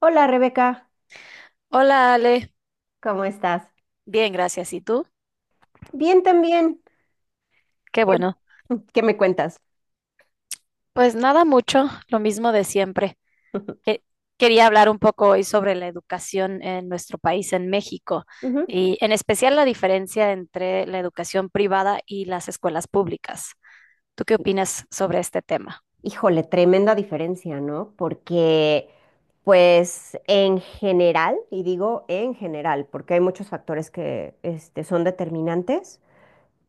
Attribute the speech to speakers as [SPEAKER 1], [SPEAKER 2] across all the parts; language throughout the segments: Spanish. [SPEAKER 1] Hola Rebeca,
[SPEAKER 2] Hola Ale,
[SPEAKER 1] ¿cómo estás?
[SPEAKER 2] bien, gracias. ¿Y tú?
[SPEAKER 1] Bien también.
[SPEAKER 2] Qué
[SPEAKER 1] ¿Qué,
[SPEAKER 2] bueno.
[SPEAKER 1] qué me cuentas?
[SPEAKER 2] Pues nada mucho, lo mismo de siempre. Que- Quería hablar un poco hoy sobre la educación en nuestro país, en México,
[SPEAKER 1] Ujú.
[SPEAKER 2] y en especial la diferencia entre la educación privada y las escuelas públicas. ¿Tú qué opinas sobre este tema?
[SPEAKER 1] Híjole, tremenda diferencia, ¿no? Porque, pues, en general, y digo en general, porque hay muchos factores que son determinantes,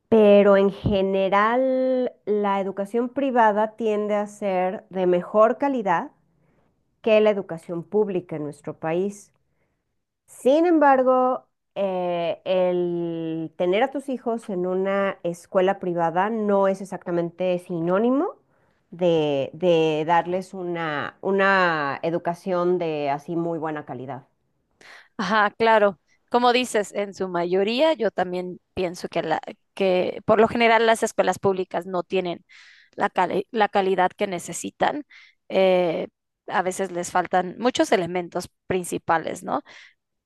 [SPEAKER 1] pero en general la educación privada tiende a ser de mejor calidad que la educación pública en nuestro país. Sin embargo, el tener a tus hijos en una escuela privada no es exactamente sinónimo de darles una educación de así muy buena calidad.
[SPEAKER 2] Ajá, claro. Como dices, en su mayoría, yo también pienso que, que por lo general las escuelas públicas no tienen la calidad que necesitan. Eh, a veces les faltan muchos elementos principales, ¿no?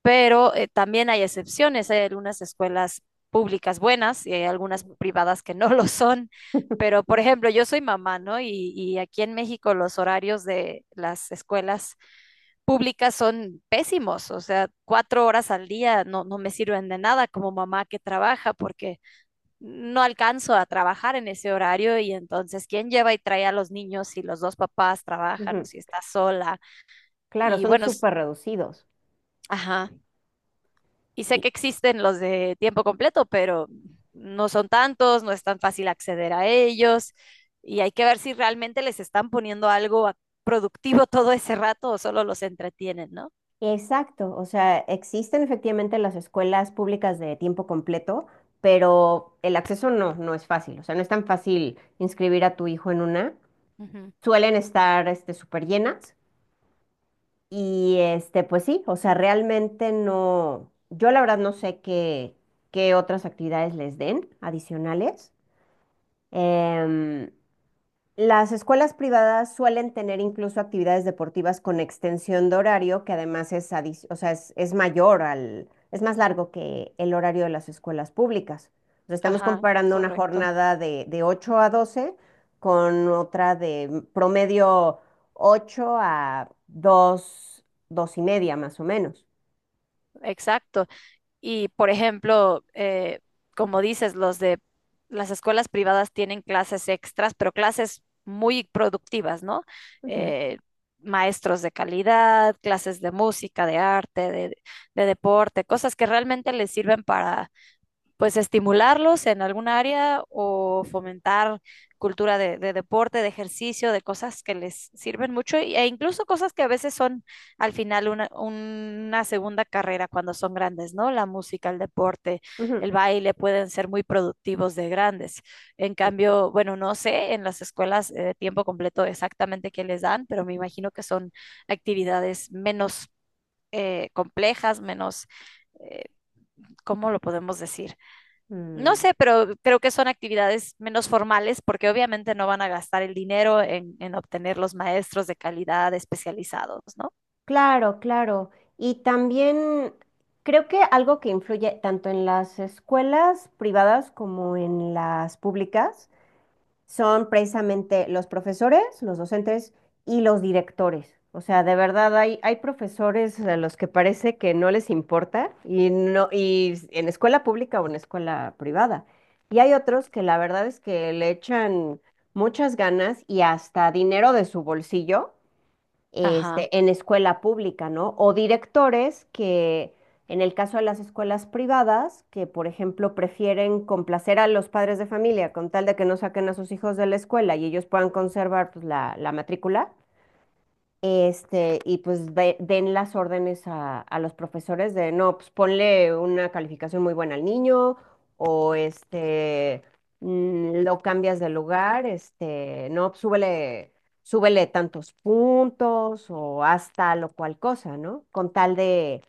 [SPEAKER 2] Pero también hay excepciones. Hay algunas escuelas públicas buenas y hay algunas privadas que no lo son. Pero, por ejemplo, yo soy mamá, ¿no? Y aquí en México los horarios de las escuelas públicas son pésimos, o sea, 4 horas al día no me sirven de nada como mamá que trabaja porque no alcanzo a trabajar en ese horario y entonces, ¿quién lleva y trae a los niños si los dos papás trabajan o
[SPEAKER 1] Ujú.
[SPEAKER 2] si está sola?
[SPEAKER 1] Claro,
[SPEAKER 2] Y
[SPEAKER 1] son
[SPEAKER 2] bueno,
[SPEAKER 1] súper reducidos.
[SPEAKER 2] ajá, y sé
[SPEAKER 1] Y-
[SPEAKER 2] que existen los de tiempo completo, pero no son tantos, no es tan fácil acceder a ellos y hay que ver si realmente les están poniendo algo productivo todo ese rato o solo los entretienen, ¿no?
[SPEAKER 1] Exacto, o sea, existen efectivamente las escuelas públicas de tiempo completo, pero el acceso no es fácil, o sea, no es tan fácil inscribir a tu hijo en una.
[SPEAKER 2] Ujú.
[SPEAKER 1] Suelen estar este, súper llenas. Y este, pues sí, o sea, realmente no, yo la verdad no sé qué otras actividades les den adicionales. Em, las escuelas privadas suelen tener incluso actividades deportivas con extensión de horario, que además es, o sea, es mayor al, es más largo que el horario de las escuelas públicas. O sea, estamos
[SPEAKER 2] Ajá,
[SPEAKER 1] comparando una
[SPEAKER 2] correcto.
[SPEAKER 1] jornada de 8 a 12 con otra de promedio 8 a dos, y media más o menos.
[SPEAKER 2] Exacto. Y por ejemplo, como dices, los de las escuelas privadas tienen clases extras, pero clases muy productivas, ¿no?
[SPEAKER 1] Ujú,
[SPEAKER 2] Eh, Maestros de calidad, clases de música, de arte, de deporte, cosas que realmente les sirven para pues estimularlos en algún área o fomentar cultura de deporte, de ejercicio, de cosas que les sirven mucho y- e incluso cosas que a veces son al final una segunda carrera cuando son grandes, ¿no? La música, el deporte,
[SPEAKER 1] ujú.
[SPEAKER 2] el baile pueden ser muy productivos de grandes. En cambio, bueno, no sé en las escuelas de tiempo completo exactamente qué les dan, pero me imagino que son actividades menos complejas, menos, eh, ¿cómo lo podemos decir? No
[SPEAKER 1] Mm.
[SPEAKER 2] sé, pero creo que son actividades menos formales porque obviamente no van a gastar el dinero en, obtener los maestros de calidad especializados, ¿no?
[SPEAKER 1] Claro, claro. Y también creo que algo que influye tanto en las escuelas privadas como en las públicas son precisamente los profesores, los docentes y los directores. O sea, de verdad hay profesores a los que parece que no les importa y no, y en escuela pública o en escuela privada. Y hay otros que la verdad es que le echan muchas ganas y hasta dinero de su bolsillo
[SPEAKER 2] Ajá.
[SPEAKER 1] este, en escuela pública, ¿no? O directores que, en el caso de las escuelas privadas, que por ejemplo prefieren complacer a los padres de familia con tal de que no saquen a sus hijos de la escuela y ellos puedan conservar pues, la matrícula, este, y pues den las órdenes a los profesores de, no, pues ponle una calificación muy buena al niño o este, mm, lo cambias de lugar, este, no, pues, súbele, súbele tantos puntos o haz tal o cual cosa, ¿no? Con tal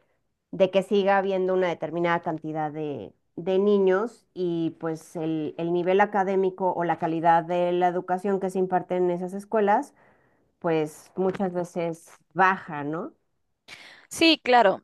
[SPEAKER 1] de que siga habiendo una determinada cantidad de niños y pues el nivel académico o la calidad de la educación que se imparte en esas escuelas pues muchas veces baja, ¿no?
[SPEAKER 2] Sí, claro.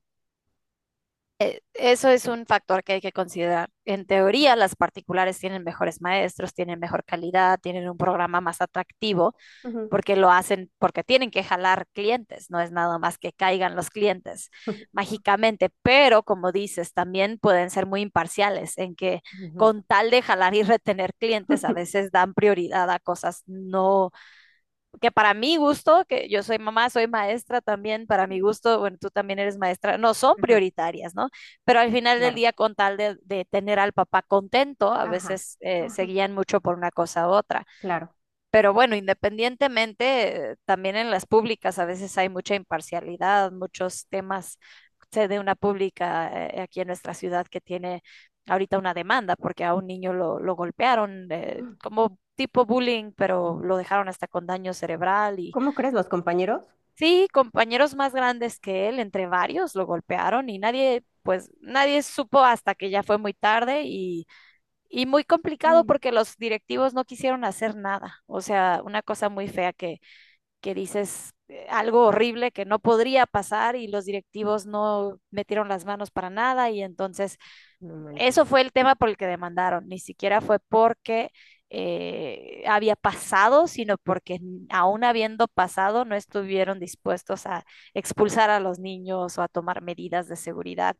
[SPEAKER 2] Eso es un factor que hay que considerar. En teoría, las particulares tienen mejores maestros, tienen mejor calidad, tienen un programa más atractivo,
[SPEAKER 1] Ujú.
[SPEAKER 2] porque lo hacen, porque tienen que jalar clientes, no es nada más que caigan los clientes mágicamente, pero como dices, también pueden ser muy imparciales en que
[SPEAKER 1] Ujú.
[SPEAKER 2] con tal de jalar y retener clientes, a veces dan prioridad a cosas no, que para mi gusto, que yo soy mamá, soy maestra también, para mi
[SPEAKER 1] ujú.
[SPEAKER 2] gusto, bueno, tú también eres maestra, no son
[SPEAKER 1] Ajá,
[SPEAKER 2] prioritarias, ¿no? Pero al final del
[SPEAKER 1] claro.
[SPEAKER 2] día, con tal de, tener al papá contento, a
[SPEAKER 1] Ajá,
[SPEAKER 2] veces se
[SPEAKER 1] ajá,
[SPEAKER 2] guían mucho por una cosa u otra.
[SPEAKER 1] claro.
[SPEAKER 2] Pero bueno, independientemente, también en las públicas a veces hay mucha imparcialidad, muchos temas. Sé de una pública aquí en nuestra ciudad que tiene ahorita una demanda porque a un niño lo golpearon como tipo bullying, pero lo dejaron hasta con daño cerebral y
[SPEAKER 1] ¿Cómo crees, los compañeros?
[SPEAKER 2] sí, compañeros más grandes que él, entre varios, lo golpearon y nadie, pues nadie supo hasta que ya fue muy tarde y muy complicado
[SPEAKER 1] Mm.
[SPEAKER 2] porque los directivos no quisieron hacer nada. O sea, una cosa muy fea que, dices, algo horrible que no podría pasar y los directivos no metieron las manos para nada. Y entonces,
[SPEAKER 1] No manches,
[SPEAKER 2] eso fue el tema por el que demandaron. Ni siquiera fue porque había pasado, sino porque aún habiendo pasado no estuvieron dispuestos a expulsar a los niños o a tomar medidas de seguridad.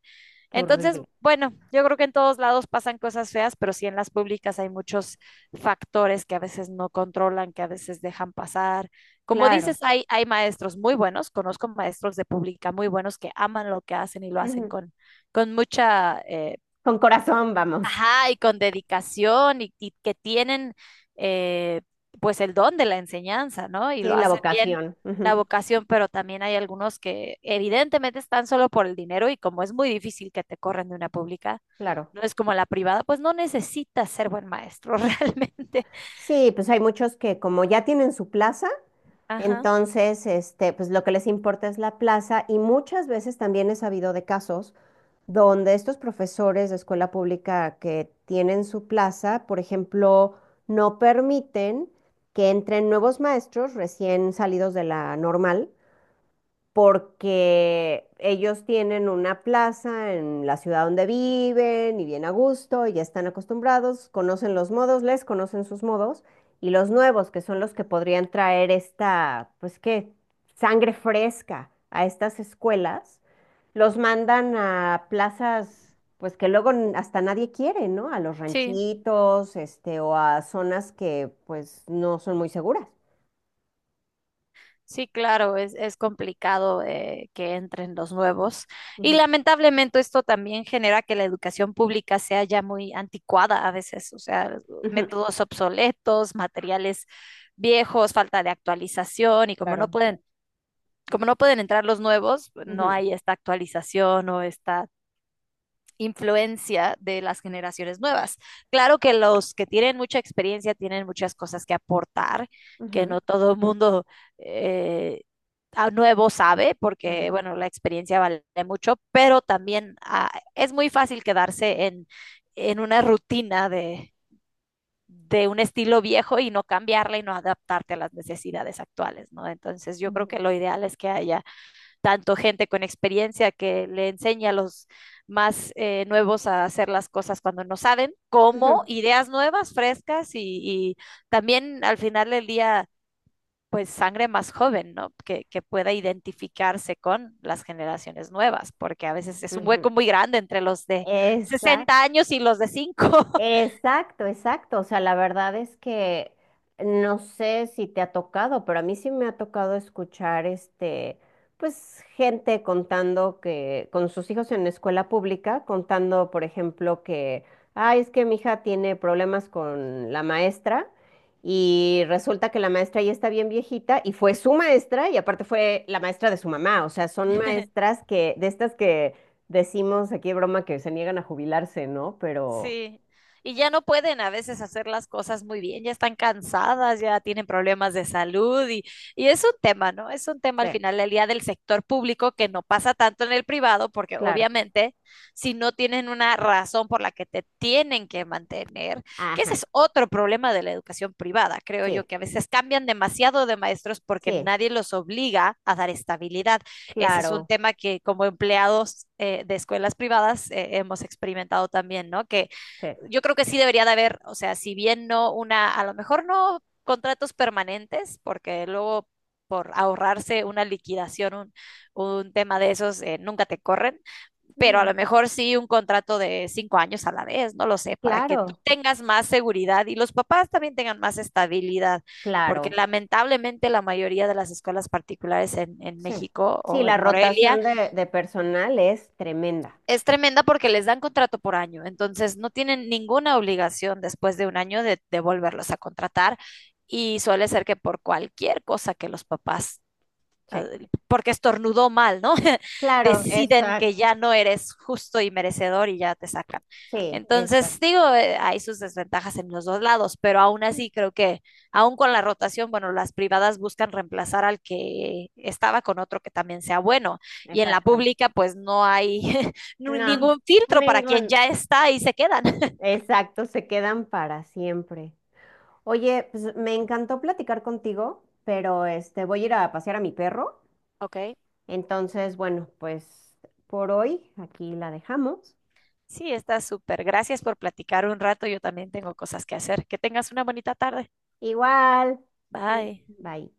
[SPEAKER 1] qué
[SPEAKER 2] Entonces,
[SPEAKER 1] horrible.
[SPEAKER 2] bueno, yo creo que en todos lados pasan cosas feas, pero sí en las públicas hay muchos factores que a veces no controlan, que a veces dejan pasar. Como dices,
[SPEAKER 1] Claro.
[SPEAKER 2] hay maestros muy buenos, conozco maestros de pública muy buenos que aman lo que hacen y lo hacen
[SPEAKER 1] Ujú.
[SPEAKER 2] con, mucha
[SPEAKER 1] Con corazón vamos.
[SPEAKER 2] Ajá, y con dedicación y que tienen eh, pues el don de la enseñanza, ¿no? Y
[SPEAKER 1] Sí,
[SPEAKER 2] lo
[SPEAKER 1] la
[SPEAKER 2] hacen bien.
[SPEAKER 1] vocación.
[SPEAKER 2] La
[SPEAKER 1] Ujú.
[SPEAKER 2] vocación, pero también hay algunos que evidentemente están solo por el dinero y como es muy difícil que te corran de una pública,
[SPEAKER 1] Claro.
[SPEAKER 2] no es como la privada, pues no necesitas ser buen maestro realmente.
[SPEAKER 1] Sí, pues hay muchos que como ya tienen su plaza,
[SPEAKER 2] Ajá,
[SPEAKER 1] entonces, este, pues lo que les importa es la plaza y muchas veces también he sabido de casos donde estos profesores de escuela pública que tienen su plaza, por ejemplo, no permiten que entren nuevos maestros recién salidos de la normal porque ellos tienen una plaza en la ciudad donde viven y bien a gusto, y ya están acostumbrados, conocen los modos, les conocen sus modos, y los nuevos, que son los que podrían traer esta, pues qué, sangre fresca a estas escuelas, los mandan a plazas, pues que luego hasta nadie quiere, ¿no? A los
[SPEAKER 2] sí.
[SPEAKER 1] ranchitos, este, o a zonas que pues no son muy seguras.
[SPEAKER 2] Sí, claro, es complicado que entren los nuevos. Y
[SPEAKER 1] Ujú,
[SPEAKER 2] lamentablemente esto también genera que la educación pública sea ya muy anticuada a veces, o sea,
[SPEAKER 1] ujú.
[SPEAKER 2] métodos obsoletos, materiales viejos, falta de actualización y
[SPEAKER 1] Claro.
[SPEAKER 2] como no pueden entrar los nuevos, no
[SPEAKER 1] Ujú,
[SPEAKER 2] hay esta actualización o esta influencia de las generaciones nuevas. Claro que los que tienen mucha experiencia tienen muchas cosas que aportar, que
[SPEAKER 1] ujú,
[SPEAKER 2] no todo el mundo eh, a nuevo sabe, porque
[SPEAKER 1] ajá.
[SPEAKER 2] bueno, la experiencia vale mucho, pero también ah, es muy fácil quedarse en, una rutina de, un estilo viejo y no cambiarla y no adaptarte a las necesidades actuales, ¿no? Entonces yo creo
[SPEAKER 1] Ujú,
[SPEAKER 2] que lo ideal es que haya tanto gente con experiencia que le enseña a los más nuevos a hacer las cosas cuando no saben, como
[SPEAKER 1] ujú,
[SPEAKER 2] ideas nuevas, frescas y también al final del día, pues sangre más joven, ¿no? Que pueda identificarse con las generaciones nuevas, porque a veces es un
[SPEAKER 1] ujú.
[SPEAKER 2] hueco muy grande entre los de 60
[SPEAKER 1] Exacto.
[SPEAKER 2] años y los de 5.
[SPEAKER 1] Exacto, exacto. O sea, la verdad es que no sé si te ha tocado, pero a mí sí me ha tocado escuchar este, pues, gente contando que, con sus hijos en escuela pública, contando, por ejemplo, que, ay, es que mi hija tiene problemas con la maestra, y resulta que la maestra ya está bien viejita, y fue su maestra, y aparte fue la maestra de su mamá. O sea, son maestras que, de estas que decimos aquí de broma que se niegan a jubilarse, ¿no? Pero.
[SPEAKER 2] Sí, y ya no pueden a veces hacer las cosas muy bien, ya están cansadas, ya tienen problemas de salud y es un tema, ¿no? Es un tema
[SPEAKER 1] Sí,
[SPEAKER 2] al final del día del sector público que no pasa tanto en el privado, porque
[SPEAKER 1] claro.
[SPEAKER 2] obviamente si no tienen una razón por la que te tienen que mantener, que ese
[SPEAKER 1] Ajá,
[SPEAKER 2] es otro problema de la educación privada, creo yo,
[SPEAKER 1] sí,
[SPEAKER 2] que a veces cambian demasiado de maestros porque
[SPEAKER 1] sí,
[SPEAKER 2] nadie los obliga a dar estabilidad. Ese es un
[SPEAKER 1] claro,
[SPEAKER 2] tema que como empleados de escuelas privadas hemos experimentado también, ¿no? Que
[SPEAKER 1] sí,
[SPEAKER 2] yo creo que sí debería de haber, o sea, si bien no a lo mejor no contratos permanentes, porque luego por ahorrarse una liquidación, un tema de esos, nunca te corren, pero a
[SPEAKER 1] mm,
[SPEAKER 2] lo mejor sí un contrato de 5 años a la vez, no lo sé, para que tú
[SPEAKER 1] claro,
[SPEAKER 2] tengas más seguridad y los papás también tengan más estabilidad, porque
[SPEAKER 1] claro,
[SPEAKER 2] lamentablemente la mayoría de las escuelas particulares en,
[SPEAKER 1] sí.
[SPEAKER 2] México
[SPEAKER 1] Sí,
[SPEAKER 2] o
[SPEAKER 1] la
[SPEAKER 2] en Morelia
[SPEAKER 1] rotación de personal es tremenda.
[SPEAKER 2] es tremenda porque les dan contrato por año, entonces no tienen ninguna obligación después de un año de, volverlos a contratar y suele ser que por cualquier cosa que los papás
[SPEAKER 1] Sí.
[SPEAKER 2] porque estornudó mal, ¿no?
[SPEAKER 1] Claro,
[SPEAKER 2] Deciden que
[SPEAKER 1] exacto,
[SPEAKER 2] ya no eres justo y merecedor y ya te sacan.
[SPEAKER 1] sí,
[SPEAKER 2] Entonces,
[SPEAKER 1] exacto,
[SPEAKER 2] digo, hay sus desventajas en los dos lados, pero aún así creo que, aún con la rotación, bueno, las privadas buscan reemplazar al que estaba con otro que también sea bueno. Y en la
[SPEAKER 1] exacto.
[SPEAKER 2] pública, pues no hay
[SPEAKER 1] No,
[SPEAKER 2] ningún filtro para quien
[SPEAKER 1] ningún.
[SPEAKER 2] ya está y se quedan.
[SPEAKER 1] Exacto, se quedan para siempre. Oye, pues me encantó platicar contigo, pero este voy a ir a pasear a mi perro.
[SPEAKER 2] Ok,
[SPEAKER 1] Entonces, bueno, pues por hoy aquí la dejamos.
[SPEAKER 2] sí, está súper. Gracias por platicar un rato. Yo también tengo cosas que hacer. Que tengas una bonita tarde.
[SPEAKER 1] Igual.
[SPEAKER 2] Bye.
[SPEAKER 1] Bye.